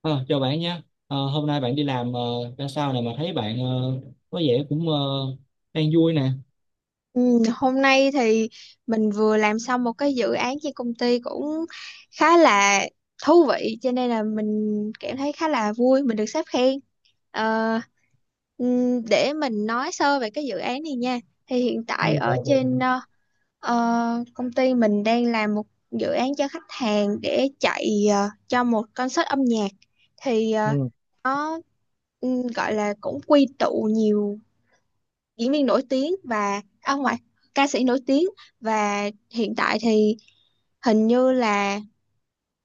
Ờ, Chào bạn nha. Ờ, Hôm nay bạn đi làm ra sao nè mà thấy bạn có vẻ cũng đang vui nè. Ừ, hôm nay thì mình vừa làm xong một cái dự án trên công ty cũng khá là thú vị cho nên là mình cảm thấy khá là vui. Mình được sếp khen. Ờ, để mình nói sơ về cái dự án này nha. Thì hiện Ừ, tại dạ ở trên vâng. Công ty mình đang làm một dự án cho khách hàng để chạy cho một concert âm nhạc. Thì Ừ. nó gọi là cũng quy tụ nhiều diễn viên nổi tiếng và ông ngoại ca sĩ nổi tiếng. Và hiện tại thì hình như là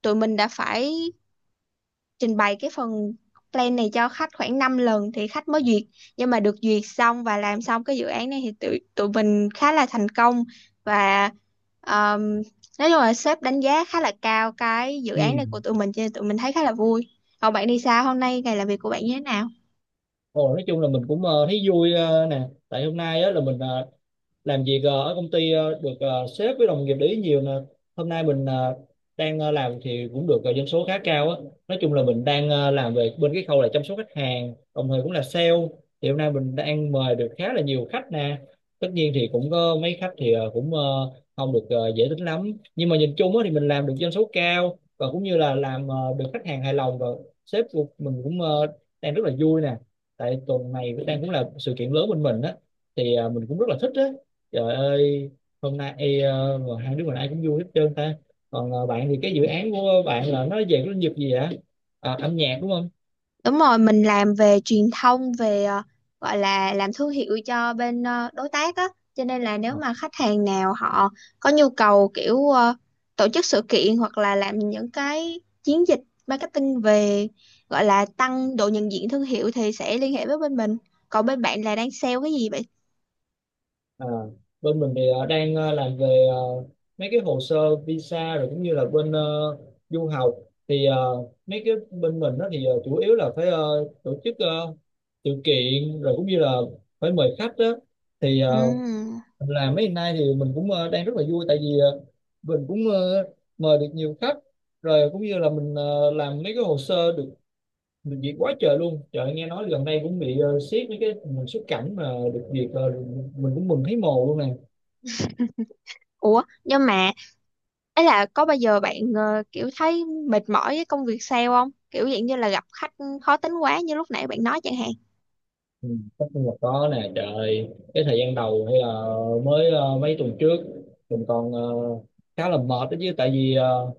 tụi mình đã phải trình bày cái phần plan này cho khách khoảng 5 lần thì khách mới duyệt. Nhưng mà được duyệt xong và làm xong cái dự án này thì tụi tụi mình khá là thành công. Và um, nói chung là sếp đánh giá khá là cao cái dự án này của Ừ. tụi mình cho nên tụi mình thấy khá là vui. Còn bạn đi sao hôm nay, ngày làm việc của bạn như thế nào? Ồ, nói chung là mình cũng thấy vui nè. Tại hôm nay á, là mình làm việc ở công ty được sếp với đồng nghiệp để ý nhiều nè. Hôm nay mình đang làm thì cũng được doanh số khá cao á. Nói chung là mình đang làm về bên cái khâu là chăm sóc khách hàng, đồng thời cũng là sale. Thì hôm nay mình đang mời được khá là nhiều khách nè. Tất nhiên thì cũng có mấy khách thì cũng không được dễ tính lắm, nhưng mà nhìn chung á, thì mình làm được doanh số cao và cũng như là làm được khách hàng hài lòng. Và sếp của mình cũng đang rất là vui nè. Tại tuần này cũng đang cũng là sự kiện lớn bên mình á, thì à, mình cũng rất là thích á. Trời ơi, hôm nay ê, mà hai đứa mình ai cũng vui hết trơn ta. Còn bạn thì cái dự án của bạn là nó về cái lĩnh vực gì ạ? À, âm nhạc đúng không? Đúng rồi, mình làm về truyền thông, về gọi là làm thương hiệu cho bên đối tác á, cho nên là nếu Ờ, mà khách hàng nào họ có nhu cầu kiểu tổ chức sự kiện hoặc là làm những cái chiến dịch marketing về gọi là tăng độ nhận diện thương hiệu thì sẽ liên hệ với bên mình. Còn bên bạn là đang sale cái gì vậy? à, bên mình thì đang làm về mấy cái hồ sơ visa, rồi cũng như là bên du học. Thì mấy cái bên mình đó thì chủ yếu là phải tổ chức sự kiện, rồi cũng như là phải mời khách đó. Thì Ừm. là mấy ngày nay thì mình cũng đang rất là vui, tại vì mình cũng mời được nhiều khách, rồi cũng như là mình làm mấy cái hồ sơ được được duyệt quá trời luôn. Trời, nghe nói gần đây cũng bị siết mấy cái mình xuất cảnh, mà được duyệt mình cũng mừng thấy mồ luôn nè. Ủa, nhưng mà ấy là có bao giờ bạn kiểu thấy mệt mỏi với công việc sale không? Kiểu dạng như là gặp khách khó tính quá như lúc nãy bạn nói chẳng hạn. Ừ, tất nhiên là có nè trời. Cái thời gian đầu hay là mới mấy tuần trước mình còn khá là mệt đó chứ. Tại vì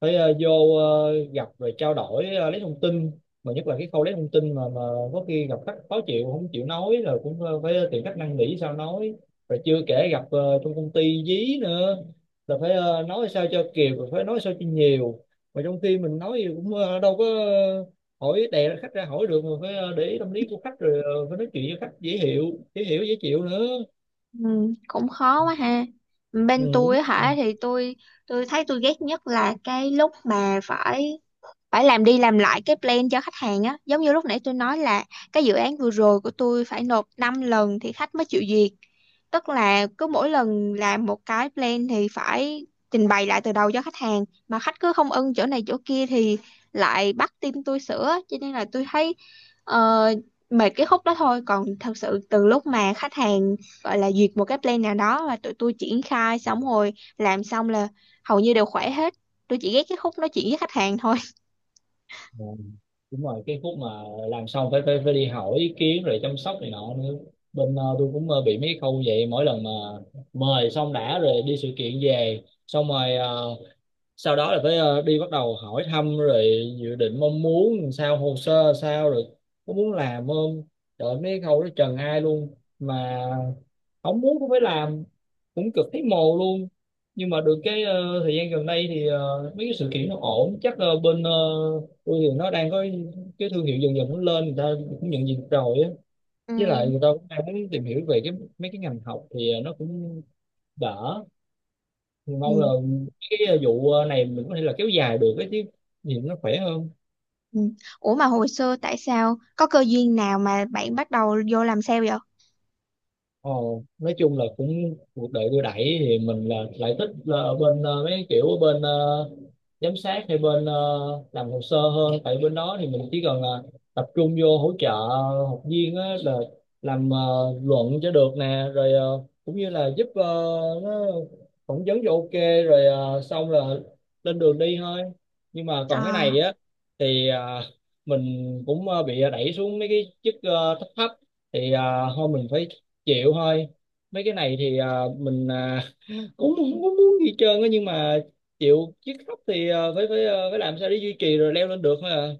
phải vô gặp rồi trao đổi lấy thông tin. Mà nhất là cái khâu lấy thông tin mà có khi gặp khách khó chịu không chịu nói, rồi cũng phải tìm cách năn nỉ sao nói. Rồi chưa kể gặp trong công ty dí nữa, là phải nói sao cho kịp, rồi phải nói sao cho nhiều, mà trong khi mình nói thì cũng đâu có hỏi đè khách ra hỏi được, mà phải để ý tâm lý của khách, rồi phải nói chuyện với khách dễ hiểu, dễ chịu nữa. Ừ, cũng khó quá ha. Ừ, Bên tôi á hả đúng. thì tôi thấy tôi ghét nhất là cái lúc mà phải phải làm đi làm lại cái plan cho khách hàng á, giống như lúc nãy tôi nói là cái dự án vừa rồi của tôi phải nộp 5 lần thì khách mới chịu duyệt. Tức là cứ mỗi lần làm một cái plan thì phải trình bày lại từ đầu cho khách hàng mà khách cứ không ưng chỗ này chỗ kia thì lại bắt team tôi sửa, cho nên là tôi thấy ờ, mệt cái khúc đó thôi. Còn thật sự từ lúc mà khách hàng gọi là duyệt một cái plan nào đó và tụi tôi triển khai xong rồi, làm xong là hầu như đều khỏe hết. Tôi chỉ ghét cái khúc nói chuyện với khách hàng thôi. Ờ, đúng rồi, cái khúc mà làm xong phải phải phải đi hỏi ý kiến rồi chăm sóc này nọ nữa. Bên tôi cũng bị mấy khâu vậy. Mỗi lần mà mời xong đã rồi đi sự kiện về xong rồi, sau đó là phải đi bắt đầu hỏi thăm rồi dự định mong muốn sao, hồ sơ sao, rồi có muốn làm không. Trời, mấy cái khâu đó trần ai luôn, mà không muốn cũng phải làm, cũng cực thấy mồ luôn. Nhưng mà được cái thời gian gần đây thì mấy cái sự kiện nó ổn, chắc bên tôi thì nó đang có cái thương hiệu dần dần nó lên, người ta cũng nhận diện rồi á. Với lại Ừ, người ta cũng đang muốn tìm hiểu về cái mấy cái ngành học, thì nó cũng đỡ. Thì mong là ừ, cái vụ này mình có thể là kéo dài được, cái chứ nhìn nó khỏe hơn. ừ. Ủa mà hồi xưa tại sao có cơ duyên nào mà bạn bắt đầu vô làm sale vậy? Ồ, nói chung là cũng cuộc đời đưa đẩy. Thì mình là lại thích là ở bên mấy kiểu, ở bên giám sát hay bên làm hồ sơ hơn. Tại bên đó thì mình chỉ cần là tập trung vô hỗ trợ học viên á, là làm luận cho được nè, rồi cũng như là giúp nó phỏng vấn cho ok, rồi xong là lên đường đi thôi. Nhưng mà còn cái À, này á, thì mình cũng bị đẩy xuống mấy cái chức thấp thấp. Thì à, thôi mình phải chịu thôi. Mấy cái này thì à, mình à, cũng không có muốn gì hết trơn á, nhưng mà chịu chiếc khóc thì à, phải phải à, phải làm sao để duy trì rồi leo lên được thôi à.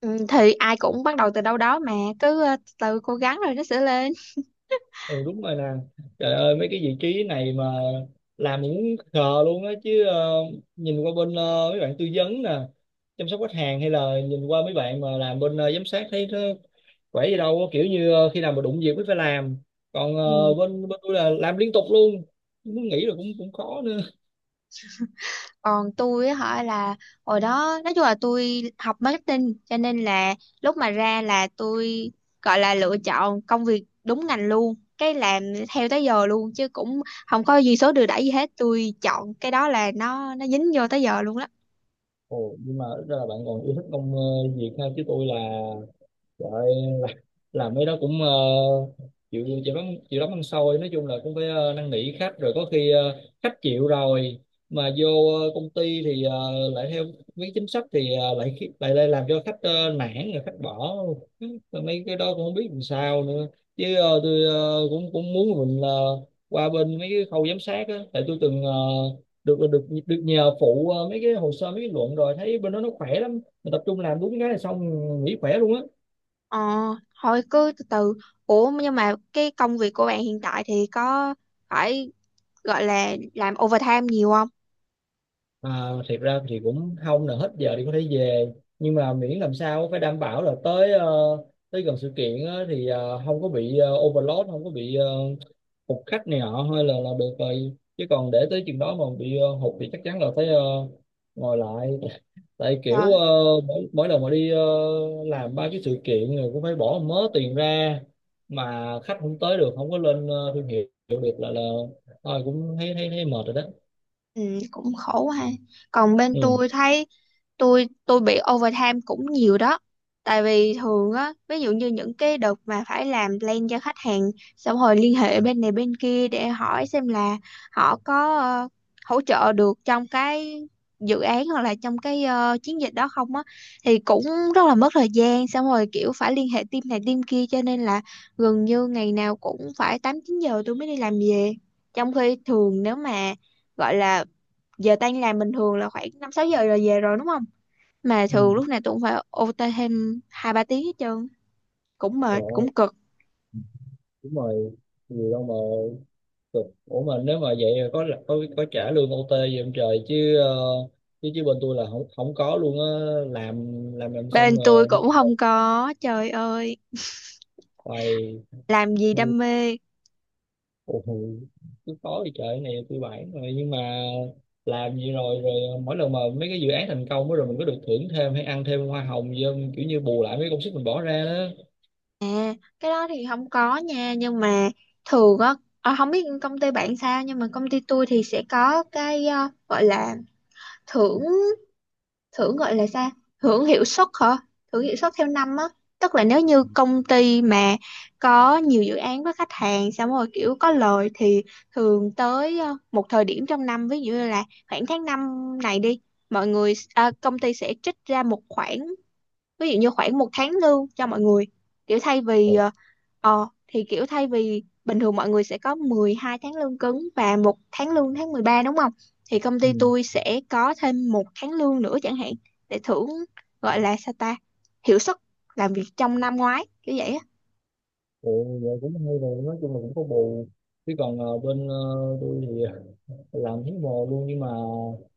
ừ, thì ai cũng bắt đầu từ đâu đó mà, cứ từ cố gắng rồi nó sẽ lên. Ừ, đúng rồi nè. Trời ơi, mấy cái vị trí này mà làm mình cũng khờ luôn á, chứ nhìn qua bên mấy bạn tư vấn nè, chăm sóc khách hàng, hay là nhìn qua mấy bạn mà làm bên giám sát, thấy nó khỏe gì đâu á. Kiểu như khi nào mà đụng việc mới phải làm. Còn Ừ. Bên bên tôi là làm liên tục luôn, muốn nghỉ là cũng cũng khó nữa. Còn tôi á hỏi là hồi đó, nói chung là tôi học marketing cho nên là lúc mà ra là tôi gọi là lựa chọn công việc đúng ngành luôn. Cái làm theo tới giờ luôn chứ cũng không có gì số đưa đẩy gì hết, tôi chọn cái đó là nó dính vô tới giờ luôn đó. Ồ, nhưng mà ít ra là bạn còn yêu thích công việc ha. Chứ tôi là rồi ơi, làm, làm mấy đó cũng chịu chịu lắm, chịu lắm ăn xôi. Nói chung là cũng phải năn nỉ khách, rồi có khi khách chịu rồi mà vô công ty thì lại theo mấy chính sách, thì lại khi- lại lại làm cho khách nản, rồi khách bỏ. Rồi mấy cái đó cũng không biết làm sao nữa. Chứ tôi cũng cũng muốn mình qua bên mấy cái khâu giám sát á. Tại tôi từng được được được nhờ phụ mấy cái hồ sơ, mấy cái luận, rồi thấy bên đó nó khỏe lắm, mình tập trung làm đúng cái là xong, nghỉ khỏe luôn á. Ờ, Thôi cứ từ từ. Ủa nhưng mà cái công việc của bạn hiện tại thì có phải gọi là làm overtime nhiều không? À, thiệt ra thì cũng không, là hết giờ thì có thể về. Nhưng mà miễn làm sao phải đảm bảo là tới tới gần sự kiện á, thì không có bị overload, không có bị uh, hụt khách này nọ, hay là được rồi. Chứ còn để tới chừng đó mà bị hụt thì chắc chắn là phải ngồi lại. Tại kiểu Trời. Mỗi lần mà đi làm ba cái sự kiện rồi cũng phải bỏ mớ tiền ra, mà khách không tới được, không có lên thương hiệu được là thôi, cũng thấy thấy thấy mệt rồi đó. Ừ, cũng khổ quá ha. Còn bên Ừ. tôi thấy tôi bị overtime cũng nhiều đó. Tại vì thường á, ví dụ như những cái đợt mà phải làm plan cho khách hàng xong rồi liên hệ bên này bên kia để hỏi xem là họ có hỗ trợ được trong cái dự án hoặc là trong cái chiến dịch đó không á, thì cũng rất là mất thời gian. Xong rồi kiểu phải liên hệ team này team kia cho nên là gần như ngày nào cũng phải 8, 9 giờ tôi mới đi làm về. Trong khi thường, nếu mà gọi là giờ tan làm bình thường là khoảng 5, 6 giờ rồi về rồi đúng không? Mà Ừ. thường lúc này tôi cũng phải OT thêm 2, 3 tiếng hết trơn, cũng mệt, Rồi. cũng cực. Đúng rồi, nhiều đâu mà cực. Ủa, mà nếu mà vậy là có trả lương ô tê gì không trời, chứ chứ chứ bên tôi là không không có luôn á. làm làm Bên xong tôi rồi đi cũng không có, trời ơi, bài. làm gì đam mê. Ủa ừ, cứ khó thì trời, cái này tôi bản rồi. Nhưng mà làm gì rồi rồi mỗi lần mà mấy cái dự án thành công á, rồi mình có được thưởng thêm hay ăn thêm hoa hồng gì không, kiểu như bù lại mấy công sức mình bỏ ra đó? à, Cái đó thì không có nha, nhưng mà thường á, không biết công ty bạn sao nhưng mà công ty tôi thì sẽ có cái gọi là thưởng, gọi là sao, hưởng hiệu suất hả, hưởng hiệu suất theo năm á. Tức là nếu như công ty mà có nhiều dự án với khách hàng xong rồi kiểu có lời thì thường tới một thời điểm trong năm, ví dụ như là khoảng tháng 5 này đi, mọi người, công ty sẽ trích ra một khoản, ví dụ như khoảng một tháng lương cho mọi người, kiểu thay vì Ồ, thì kiểu thay vì bình thường mọi người sẽ có 12 tháng lương cứng và một tháng lương, tháng 13 đúng không? Thì công ty ừ. tôi sẽ có thêm một tháng lương nữa chẳng hạn, để thưởng, gọi là sao ta, hiệu suất làm việc trong năm ngoái kiểu vậy á. Ồ, vậy cũng hay rồi, nói chung là cũng có bù. Chứ còn bên tôi thì làm thấy mồ luôn. Nhưng mà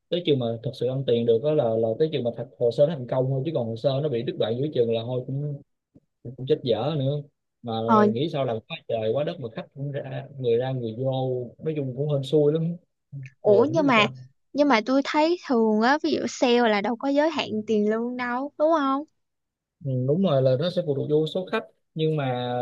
tới trường mà thật sự ăn tiền được đó là tới trường mà thật hồ sơ nó thành công thôi. Chứ còn hồ sơ nó bị đứt đoạn giữa trường là thôi, cũng cũng chết dở nữa. Mà ờ nghĩ sao làm quá trời quá đất mà khách cũng ra, người ra người vô, nói chung cũng hên xui lắm. Ồ, Ủa, không biết nhưng vì mà sao. nhưng mà tôi thấy thường á, ví dụ sale là đâu có giới hạn tiền lương đâu, đúng không? Ừ, đúng rồi, là nó sẽ phụ thuộc vô số khách, nhưng mà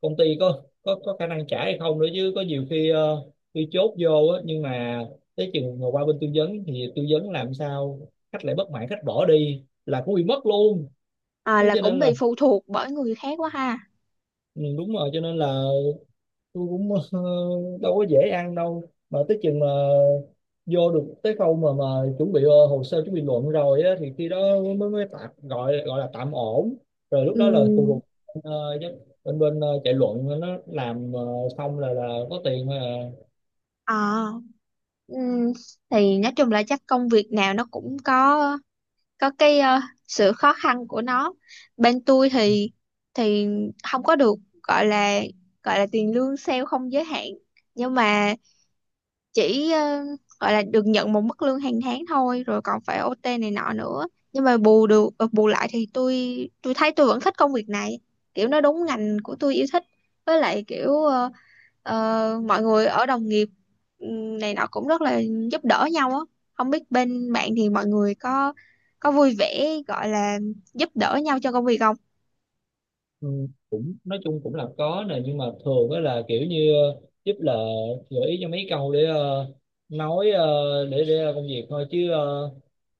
công ty có khả năng trả hay không nữa. Chứ có nhiều khi khi chốt vô á, nhưng mà tới chừng mà qua bên tư vấn thì tư vấn làm sao khách lại bất mãn, khách bỏ đi là cũng bị mất luôn. Đó Là cho cũng nên là bị phụ thuộc bởi người khác quá ha. ừ, đúng rồi, cho nên là tôi cũng đâu có dễ ăn đâu. Mà tới chừng mà vô được tới khâu mà chuẩn bị hồ sơ, chuẩn bị luận rồi á, thì khi đó mới mới tạm gọi gọi là tạm ổn. Rồi lúc đó là phụ Ừ. thuộc ờ, giám- bên bên chạy luận, nó làm xong là có tiền thôi à. à Ừm, thì nói chung là chắc công việc nào nó cũng có cái sự khó khăn của nó. Bên tôi thì thì không có được gọi là tiền lương sale không giới hạn, nhưng mà chỉ gọi là được nhận một mức lương hàng tháng thôi, rồi còn phải OT này nọ nữa. Nhưng mà bù lại thì tôi thấy tôi vẫn thích công việc này, kiểu nó đúng ngành của tôi yêu thích, với lại kiểu mọi người ở đồng nghiệp này nọ cũng rất là giúp đỡ nhau á. Không biết bên bạn thì mọi người có vui vẻ gọi là giúp đỡ nhau cho công việc không? Ừ, cũng nói chung cũng là có nè. Nhưng mà thường đó là kiểu như giúp là gợi ý cho mấy câu để nói để công việc thôi. Chứ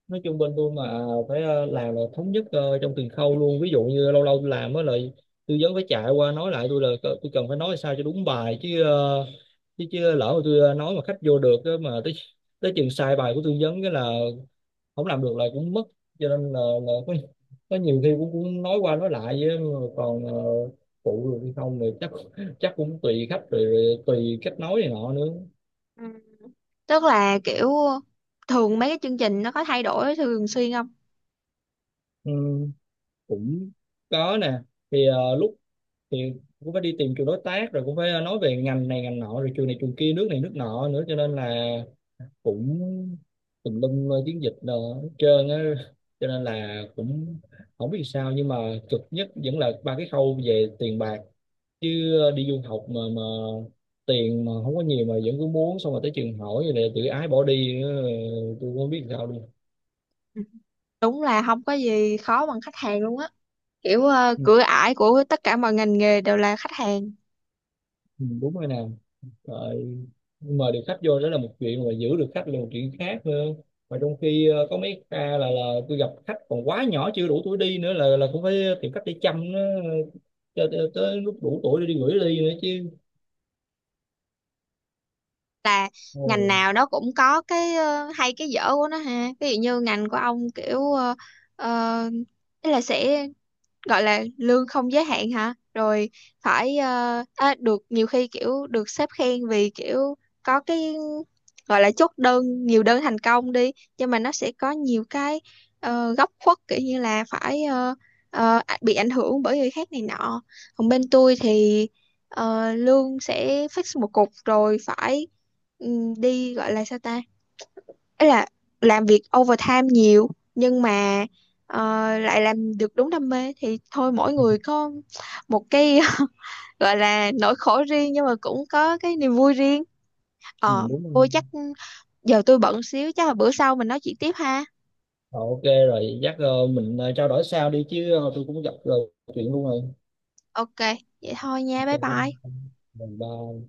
nói chung bên tôi mà phải làm là thống nhất trong từng khâu luôn. Ví dụ như lâu lâu tôi làm á, lại tư vấn phải chạy qua nói lại tôi là tôi cần phải nói sao cho đúng bài. Chứ chứ lỡ mà tôi nói mà khách vô được á, mà tới tới chừng sai bài của tư vấn cái là không làm được là cũng mất. Cho nên là có nhiều khi cũng nói qua nói lại với mà. Còn phụ được hay không thì chắc chắc cũng tùy khách, rồi rồi tùy cách nói này nọ nữa. Ừ. Tức là kiểu thường mấy cái chương trình nó có thay đổi thường xuyên không? Ừ, cũng có nè. Thì lúc thì cũng phải đi tìm trường đối tác, rồi cũng phải nói về ngành này ngành nọ, rồi trường này trường kia, nước này nước nọ nữa, cho nên là cũng tùm lum chiến dịch đồ hết trơn á. Cho nên là cũng không biết sao, nhưng mà cực nhất vẫn là ba cái khâu về tiền bạc. Chứ đi du học mà tiền mà không có nhiều mà vẫn cứ muốn, xong rồi tới trường hỏi rồi lại tự ái bỏ đi, tôi không biết sao luôn. Đúng là không có gì khó bằng khách hàng luôn á, kiểu Ừ, cửa ải của tất cả mọi ngành nghề đều là khách hàng. ừ, đúng rồi nè. Rồi mời được khách vô đó là một chuyện, mà giữ được khách là một chuyện khác nữa. Mà trong khi có mấy ca là tôi gặp khách còn quá nhỏ, chưa đủ tuổi đi nữa là cũng phải tìm cách để chăm nó cho tới, lúc đủ tuổi để đi gửi đi nữa chứ. Là Ồ, ngành nào nó cũng có cái hay cái dở của nó ha, ví dụ như ngành của ông kiểu là sẽ gọi là lương không giới hạn hả, rồi phải được nhiều khi kiểu được sếp khen vì kiểu có cái gọi là chốt đơn, nhiều đơn thành công đi. Nhưng mà nó sẽ có nhiều cái góc khuất, kiểu như là phải bị ảnh hưởng bởi người khác này nọ. Còn bên tôi thì lương sẽ fix một cục, rồi phải ừ, đi gọi là sao ta, ấy là làm việc overtime nhiều, nhưng mà ờ, lại làm được đúng đam mê thì thôi, mỗi người có một cái gọi là nỗi khổ riêng nhưng mà cũng có cái niềm vui riêng. ừ, đúng Tôi rồi. chắc giờ tôi bận xíu, chắc là bữa sau mình nói chuyện tiếp ha. Ờ, ok, rồi chắc mình trao đổi sau đi. Chứ tôi cũng gặp chuyện luôn rồi. OK, vậy thôi nha, bye bye. Ok, bye.